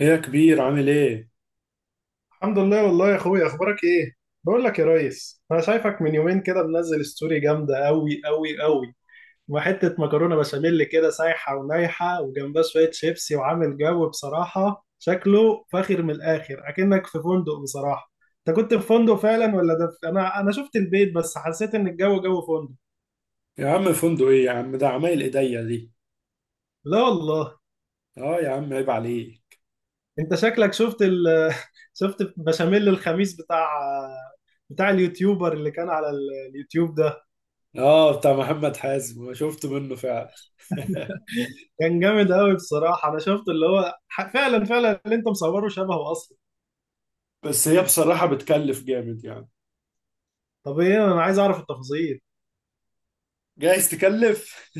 ايه يا كبير عامل ايه؟ الحمد لله والله يا اخويا اخبارك ايه؟ بقول لك يا ريس انا شايفك من يومين كده منزل ستوري جامده قوي قوي قوي. وحته مكرونه بشاميل كده سايحه ونايحه وجنبها شويه شيبسي وعامل جو بصراحه شكله فاخر من الاخر اكنك في فندق بصراحه. انت كنت في فندق فعلا ولا ده انا شفت البيت بس حسيت ان الجو جو فندق. يا عم فندق ايه يا عم، ده عمايل ايديا دي. لا والله. اه يا عم عيب عليك. انت شكلك شفت شفت بشاميل الخميس بتاع بتاع اليوتيوبر اللي كان على اليوتيوب ده. اه بتاع محمد حازم، ما شفت منه فعلا. كان جامد قوي بصراحه، انا شفت اللي هو فعلا فعلا اللي انت مصوره شبهه اصلا. بس هي بصراحة بتكلف جامد يعني. طب ايه، انا عايز اعرف التفاصيل. جايز تكلف.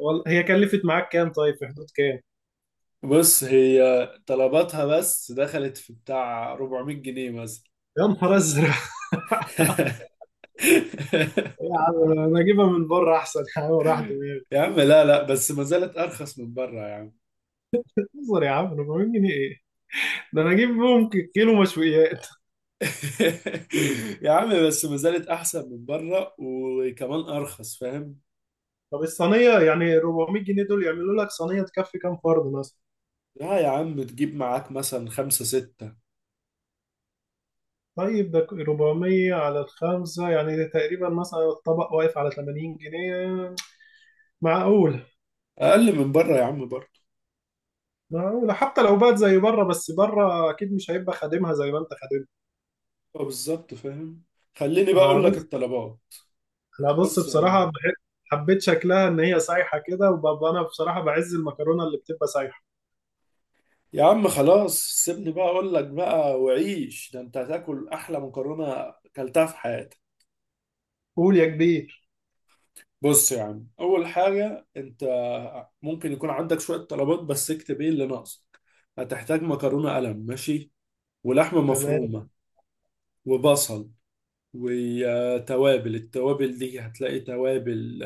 هي كلفت معاك كام؟ طيب في حدود كام؟ بص، هي طلباتها بس دخلت في بتاع 400 جنيه مثلا. يا نهار ازرق! يا عم انا اجيبها من بره احسن، يا عم راح دماغي. يا عم لا لا، بس ما زالت ارخص من بره يا عم. انظر يا عم، 400 جنيه ايه! ده انا اجيب بيهم كيلو مشويات. يا عم بس ما زالت احسن من بره، وكمان ارخص، فاهم. طب الصينيه يعني 400 جنيه دول يعملوا لك صينيه تكفي كام فرد مثلا؟ لا يا عم، تجيب معاك مثلا خمسة ستة. طيب ده 400 على الخمسة يعني تقريبا مثلا الطبق واقف على 80 جنيه، معقول؟ أقل من بره يا عم برضه. ما هو حتى لو بقت زي بره بس بره اكيد مش هيبقى خادمها زي ما انت خادمها. اه بالظبط، فاهم. خليني بقى أقول لك بص. الطلبات. انا بص بص يا بصراحه معلم. بحب، حبيت شكلها ان هي سايحه كده، وببقى انا بصراحه بعز المكرونه اللي بتبقى سايحه. يا عم خلاص، سيبني بقى أقول لك بقى، وعيش، ده أنت هتاكل أحلى مكرونة أكلتها في حياتك. قول يا كبير. بص يا عم، أول حاجة أنت ممكن يكون عندك شوية طلبات بس، اكتب إيه اللي ناقصك. هتحتاج مكرونة قلم، ماشي، ولحمة تمام. مفرومة، وبصل، وتوابل. التوابل دي هتلاقي توابل،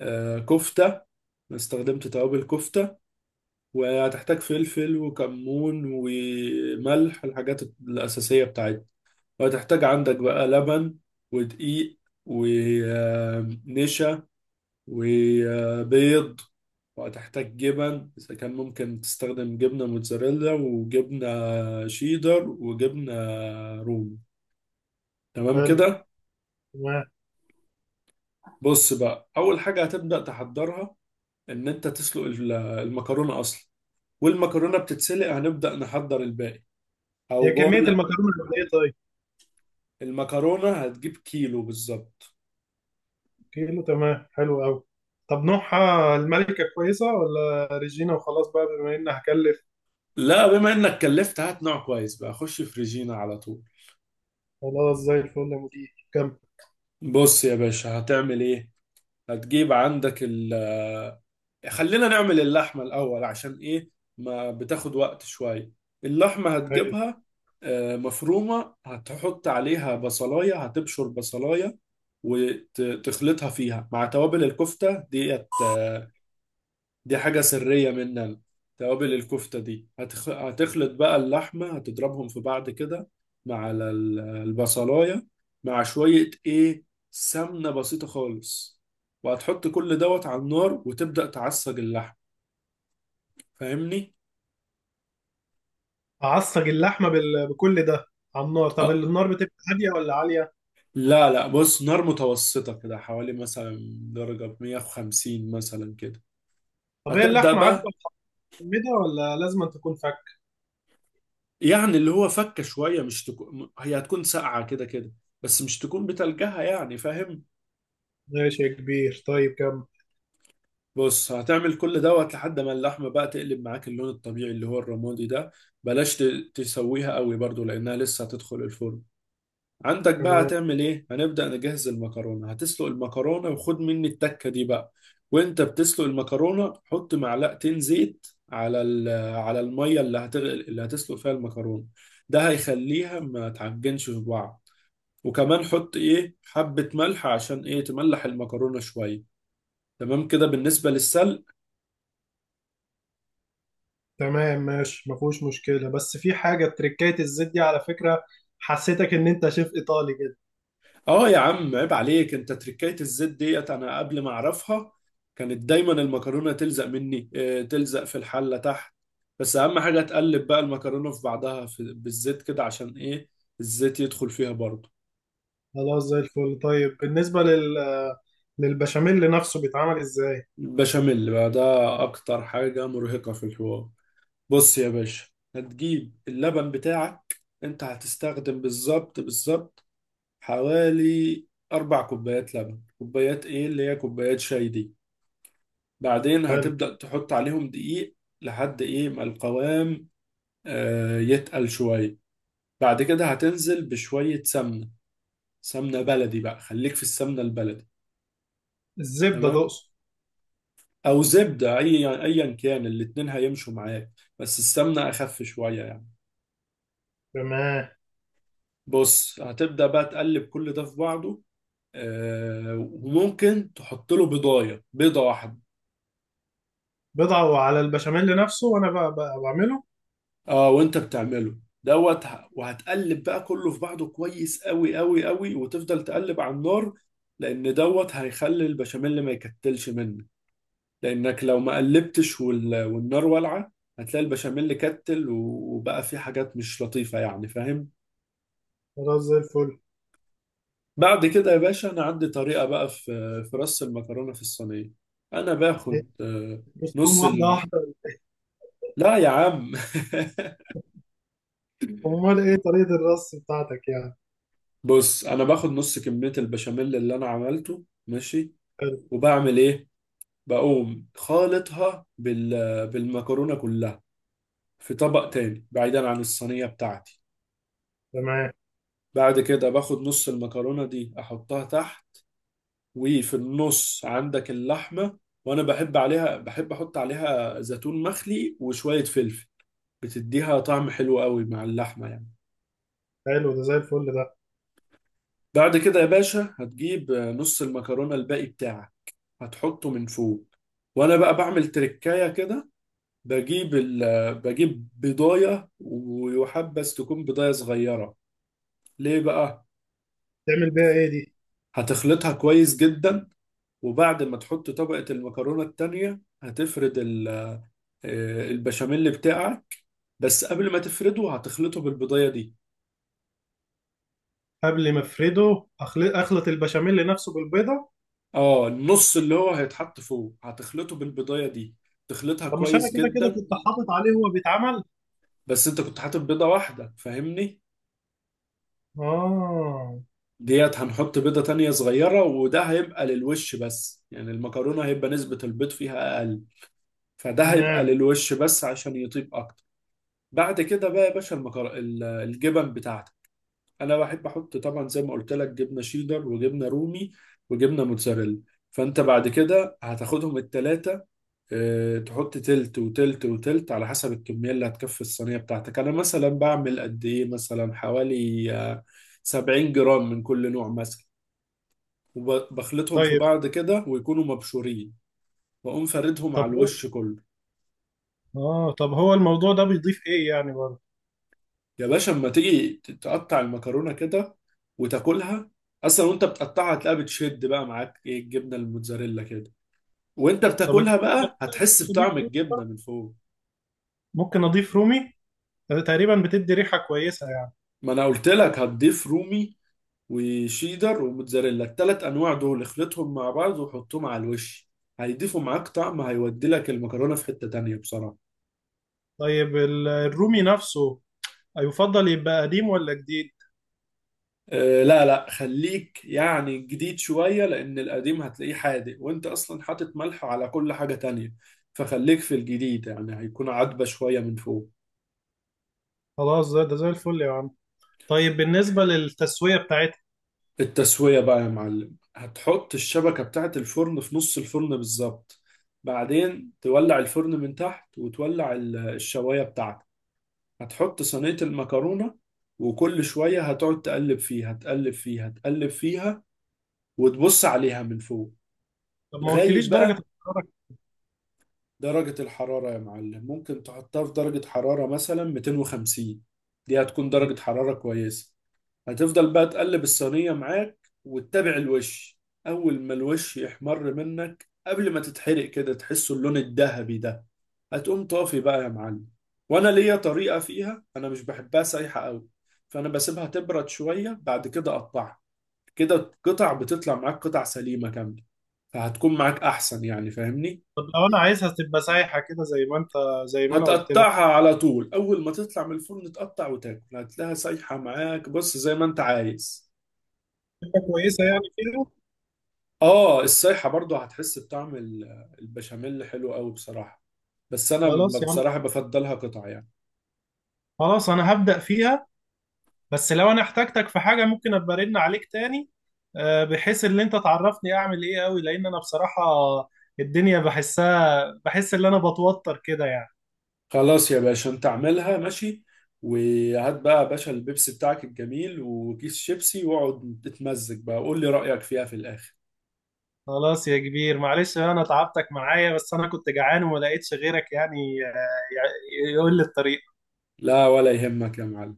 كفتة. أنا استخدمت توابل كفتة. وهتحتاج فلفل وكمون وملح، الحاجات الأساسية بتاعتنا. وهتحتاج عندك بقى لبن، ودقيق، ونشا، وبيض. وهتحتاج جبن، إذا كان ممكن تستخدم جبنة موتزاريلا، وجبنة شيدر، وجبنة رومي. تمام حلو. كده. تمام. بص بقى، أول حاجة هتبدأ تحضرها، إن أنت تسلق المكرونة أصلا. والمكرونة بتتسلق هنبدأ نحضر الباقي. أو هي كميه بقول لأ. المكرونه قد ايه طيب؟ المكرونة هتجيب كيلو بالظبط. كيلو، تمام حلو قوي. طب نوعها الملكه كويسه ولا ريجينا، وخلاص بقى بما ان هكلف. لا، بما إنك كلفت، هات نوع كويس بقى، خش في ريجينا على طول. خلاص زي الفل يا مدير. كم؟ بص يا باشا هتعمل إيه؟ هتجيب عندك خلينا نعمل اللحمة الأول، عشان إيه؟ ما بتاخد وقت شوية. اللحمة حلو. هتجيبها مفرومة، هتحط عليها بصلاية، هتبشر بصلاية وتخلطها فيها مع توابل الكفتة ديت. دي حاجة سرية مننا. توابل الكفتة دي هتخلط بقى اللحمة، هتضربهم في بعض كده مع البصلاية، مع شوية ايه، سمنة بسيطة خالص. وهتحط كل دوت على النار وتبدأ تعصج اللحم، فاهمني؟ اعصج اللحمه بكل ده على النار؟ طب اه. النار بتبقى هاديه ولا عاليه؟ لا لا، بص، نار متوسطة كده، حوالي مثلا درجة 150 مثلا كده. طب هي هتبدأ اللحمه عاديه بقى. ميدا ولا لازم أن تكون فك؟ يعني اللي هو فكة شوية، مش تكون هي هتكون ساقعة كده كده، بس مش تكون بتلجها، يعني فاهم؟ ماشي يا كبير. طيب كم؟ بص هتعمل كل دوت لحد ما اللحمة بقى تقلب معاك اللون الطبيعي اللي هو الرمادي ده. بلاش تسويها قوي برضو، لأنها لسه هتدخل الفرن. عندك بقى تمام. هتعمل إيه؟ هنبدأ نجهز المكرونة، هتسلق المكرونة وخد مني التكة دي بقى. وأنت بتسلق المكرونة حط معلقتين زيت على على المية اللي هتغل اللي هتسلق فيها المكرونة. ده هيخليها ما تعجنش في بعض. وكمان حط إيه حبة ملح، عشان إيه، تملح المكرونة شوية. تمام كده بالنسبة للسلق. تمام ماشي، ما فيهوش مشكلة، بس في حاجة تريكات الزيت دي على فكرة حسيتك إن أنت شيف إيطالي كده. اه يا عم عيب عليك. انت تركاية الزيت ديت، انا قبل ما اعرفها كانت دايما المكرونة تلزق مني، تلزق في الحلة تحت. بس اهم حاجة تقلب بقى المكرونة في بعضها في بالزيت كده، عشان ايه، الزيت يدخل فيها برضه. خلاص زي الفل. طيب بالنسبة للبشاميل نفسه بيتعمل إزاي؟ البشاميل بقى ده اكتر حاجة مرهقة في الحوار. بص يا باشا، هتجيب اللبن بتاعك. انت هتستخدم بالظبط بالظبط حوالي اربع كوبايات لبن، كوبايات ايه اللي هي كوبايات شاي دي. بعدين حلو. هتبدأ تحط عليهم دقيق لحد ايه ما القوام يتقل شوية. بعد كده هتنزل بشوية سمنة. سمنة بلدي بقى، خليك في السمنة البلدي. الزبدة تمام، تقصد؟ او زبدة، اي ايا كان الاتنين هيمشوا معاك. بس السمنة اخف شوية يعني. تمام. بص هتبدأ بقى تقلب كل ده في بعضه. وممكن تحط له بيضاية، بيضة واحدة. بضعه على البشاميل نفسه وأنا بقى بعمله؟ اه وانت بتعمله دوت، وهتقلب بقى كله في بعضه كويس قوي قوي قوي، وتفضل تقلب على النار، لان دوت هيخلي البشاميل ما يكتلش منك. لانك لو ما قلبتش والنار والعه، هتلاقي البشاميل كتل وبقى فيه حاجات مش لطيفه، يعني فاهم. خلاص زي الفل. بعد كده يا باشا، انا عندي طريقه بقى في رص المكرونه في الصينيه. انا هي- باخد بص، قوم نص واحدة واحدة. لا يا عم أمال إيه طريقة الرص بتاعتك يعني؟ بص انا باخد نص كميه البشاميل اللي انا عملته، ماشي، حلو. وبعمل ايه؟ بقوم خالطها بالمكرونه كلها في طبق تاني بعيدا عن الصينيه بتاعتي. تمام. بعد كده باخد نص المكرونه دي احطها تحت. وفي النص عندك اللحمه. وانا بحب احط عليها زيتون مخلي وشويه فلفل. بتديها طعم حلو قوي مع اللحمه يعني. حلو ده، زي الفل ده. بعد كده يا باشا هتجيب نص المكرونه الباقي بتاعك، هتحطه من فوق. وانا بقى بعمل تركايه كده. بجيب ال... بجيب بضاية، ويحبذ تكون بضاية صغيرة. ليه بقى؟ تعمل بيها إيه دي؟ هتخلطها كويس جدا، وبعد ما تحط طبقة المكرونة التانية هتفرد ال... آه، البشاميل بتاعك. بس قبل ما تفرده هتخلطه بالبضاية دي. قبل ما افرده اخلط البشاميل نفسه بالبيضه؟ اه، النص اللي هو هيتحط فوق هتخلطه بالبضاية دي. تخلطها طب مش انا كويس كده كده جدا. كنت حاطط عليه وهو بيتعمل؟ بس انت كنت حاطط بيضة واحدة، فاهمني؟ اه. ديت هنحط بيضة تانية صغيرة، وده هيبقى للوش بس، يعني المكرونة هيبقى نسبة البيض فيها أقل، فده هيبقى تمام. للوش بس عشان يطيب اكتر. بعد كده بقى يا باشا الجبن بتاعتك. انا بحب احط طبعا زي ما قلت لك جبنه شيدر، وجبنه رومي، وجبنه موتزاريلا. فانت بعد كده هتاخدهم التلاتة. اه، تحط تلت وتلت وتلت على حسب الكميه اللي هتكفي الصينيه بتاعتك. انا مثلا بعمل قد ايه، مثلا حوالي 70 جرام من كل نوع مثلا. وبخلطهم في طيب. بعض كده ويكونوا مبشورين، واقوم فاردهم على طب هو، الوش كله. اه، طب هو الموضوع ده بيضيف ايه يعني برضه؟ يا باشا اما تيجي تقطع المكرونه كده وتاكلها، اصلا وانت بتقطعها هتلاقيها بتشد بقى معاك ايه الجبنه الموتزاريلا كده، وانت طب بتاكلها بقى هتحس بطعم الجبنة، الجبنه من فوق. ممكن اضيف رومي؟ تقريبا بتدي ريحه كويسه يعني. ما انا قلت لك هتضيف رومي وشيدر وموتزاريلا، التلات انواع دول اخلطهم مع بعض وحطهم على الوش. هيضيفوا معاك طعم هيودي لك المكرونه في حته تانيه بصراحه. طيب الرومي نفسه يفضل يبقى قديم ولا جديد؟ لا لا، خليك يعني جديد شوية، لأن القديم هتلاقيه حادق وأنت أصلا حاطط ملح على كل حاجة تانية. فخليك في الجديد، يعني هيكون عدبة شوية من فوق. خلاص ده زي الفل يا عم. طيب بالنسبه للتسويه بتاعتها؟ التسوية بقى يا معلم، هتحط الشبكة بتاعة الفرن في نص الفرن بالظبط. بعدين تولع الفرن من تحت وتولع الشواية بتاعتك. هتحط صينية المكرونة، وكل شوية هتقعد تقلب فيها تقلب فيها تقلب فيها، وتبص عليها من فوق طب ما لغاية قلتليش درجه بقى. الحراره. درجة الحرارة يا معلم ممكن تحطها في درجة حرارة مثلا 250. دي هتكون درجة حرارة كويسة. هتفضل بقى تقلب الصينية معاك وتتابع الوش. أول ما الوش يحمر منك قبل ما تتحرق كده، تحسه اللون الذهبي ده، هتقوم طافي بقى يا معلم. وأنا ليا طريقة فيها، أنا مش بحبها سايحة أوي، فأنا بسيبها تبرد شوية بعد كده أقطعها. كده القطع بتطلع معاك قطع سليمة كاملة، فهتكون معاك أحسن، يعني فاهمني. طب لو انا عايزها تبقى سايحه كده زي ما انت، زي ما انا قلت لك، هتقطعها على طول، اول ما تطلع من الفرن تقطع وتاكل هتلاقيها سايحه معاك، بص زي ما انت عايز. تبقى كويسه يعني فيها؟ اه، السايحه برضو هتحس بطعم البشاميل حلو قوي بصراحه. بس انا خلاص يا عم، بصراحه بفضلها قطع يعني. خلاص انا هبدأ فيها. بس لو انا احتاجتك في حاجه ممكن ابقى ارن عليك تاني؟ بحيث ان انت تعرفني اعمل ايه، قوي لان انا بصراحه الدنيا بحسها بحس ان انا بتوتر كده يعني. خلاص يا باشا، انت اعملها ماشي. وهات بقى يا باشا البيبسي بتاعك الجميل وكيس شيبسي واقعد تتمزج بقى، قول لي رايك فيها في الاخر. خلاص يا كبير، معلش بقى انا تعبتك معايا بس انا كنت جعان وما لقيتش غيرك يعني، يقول لي الطريق. لا، ولا يهمك يا معلم.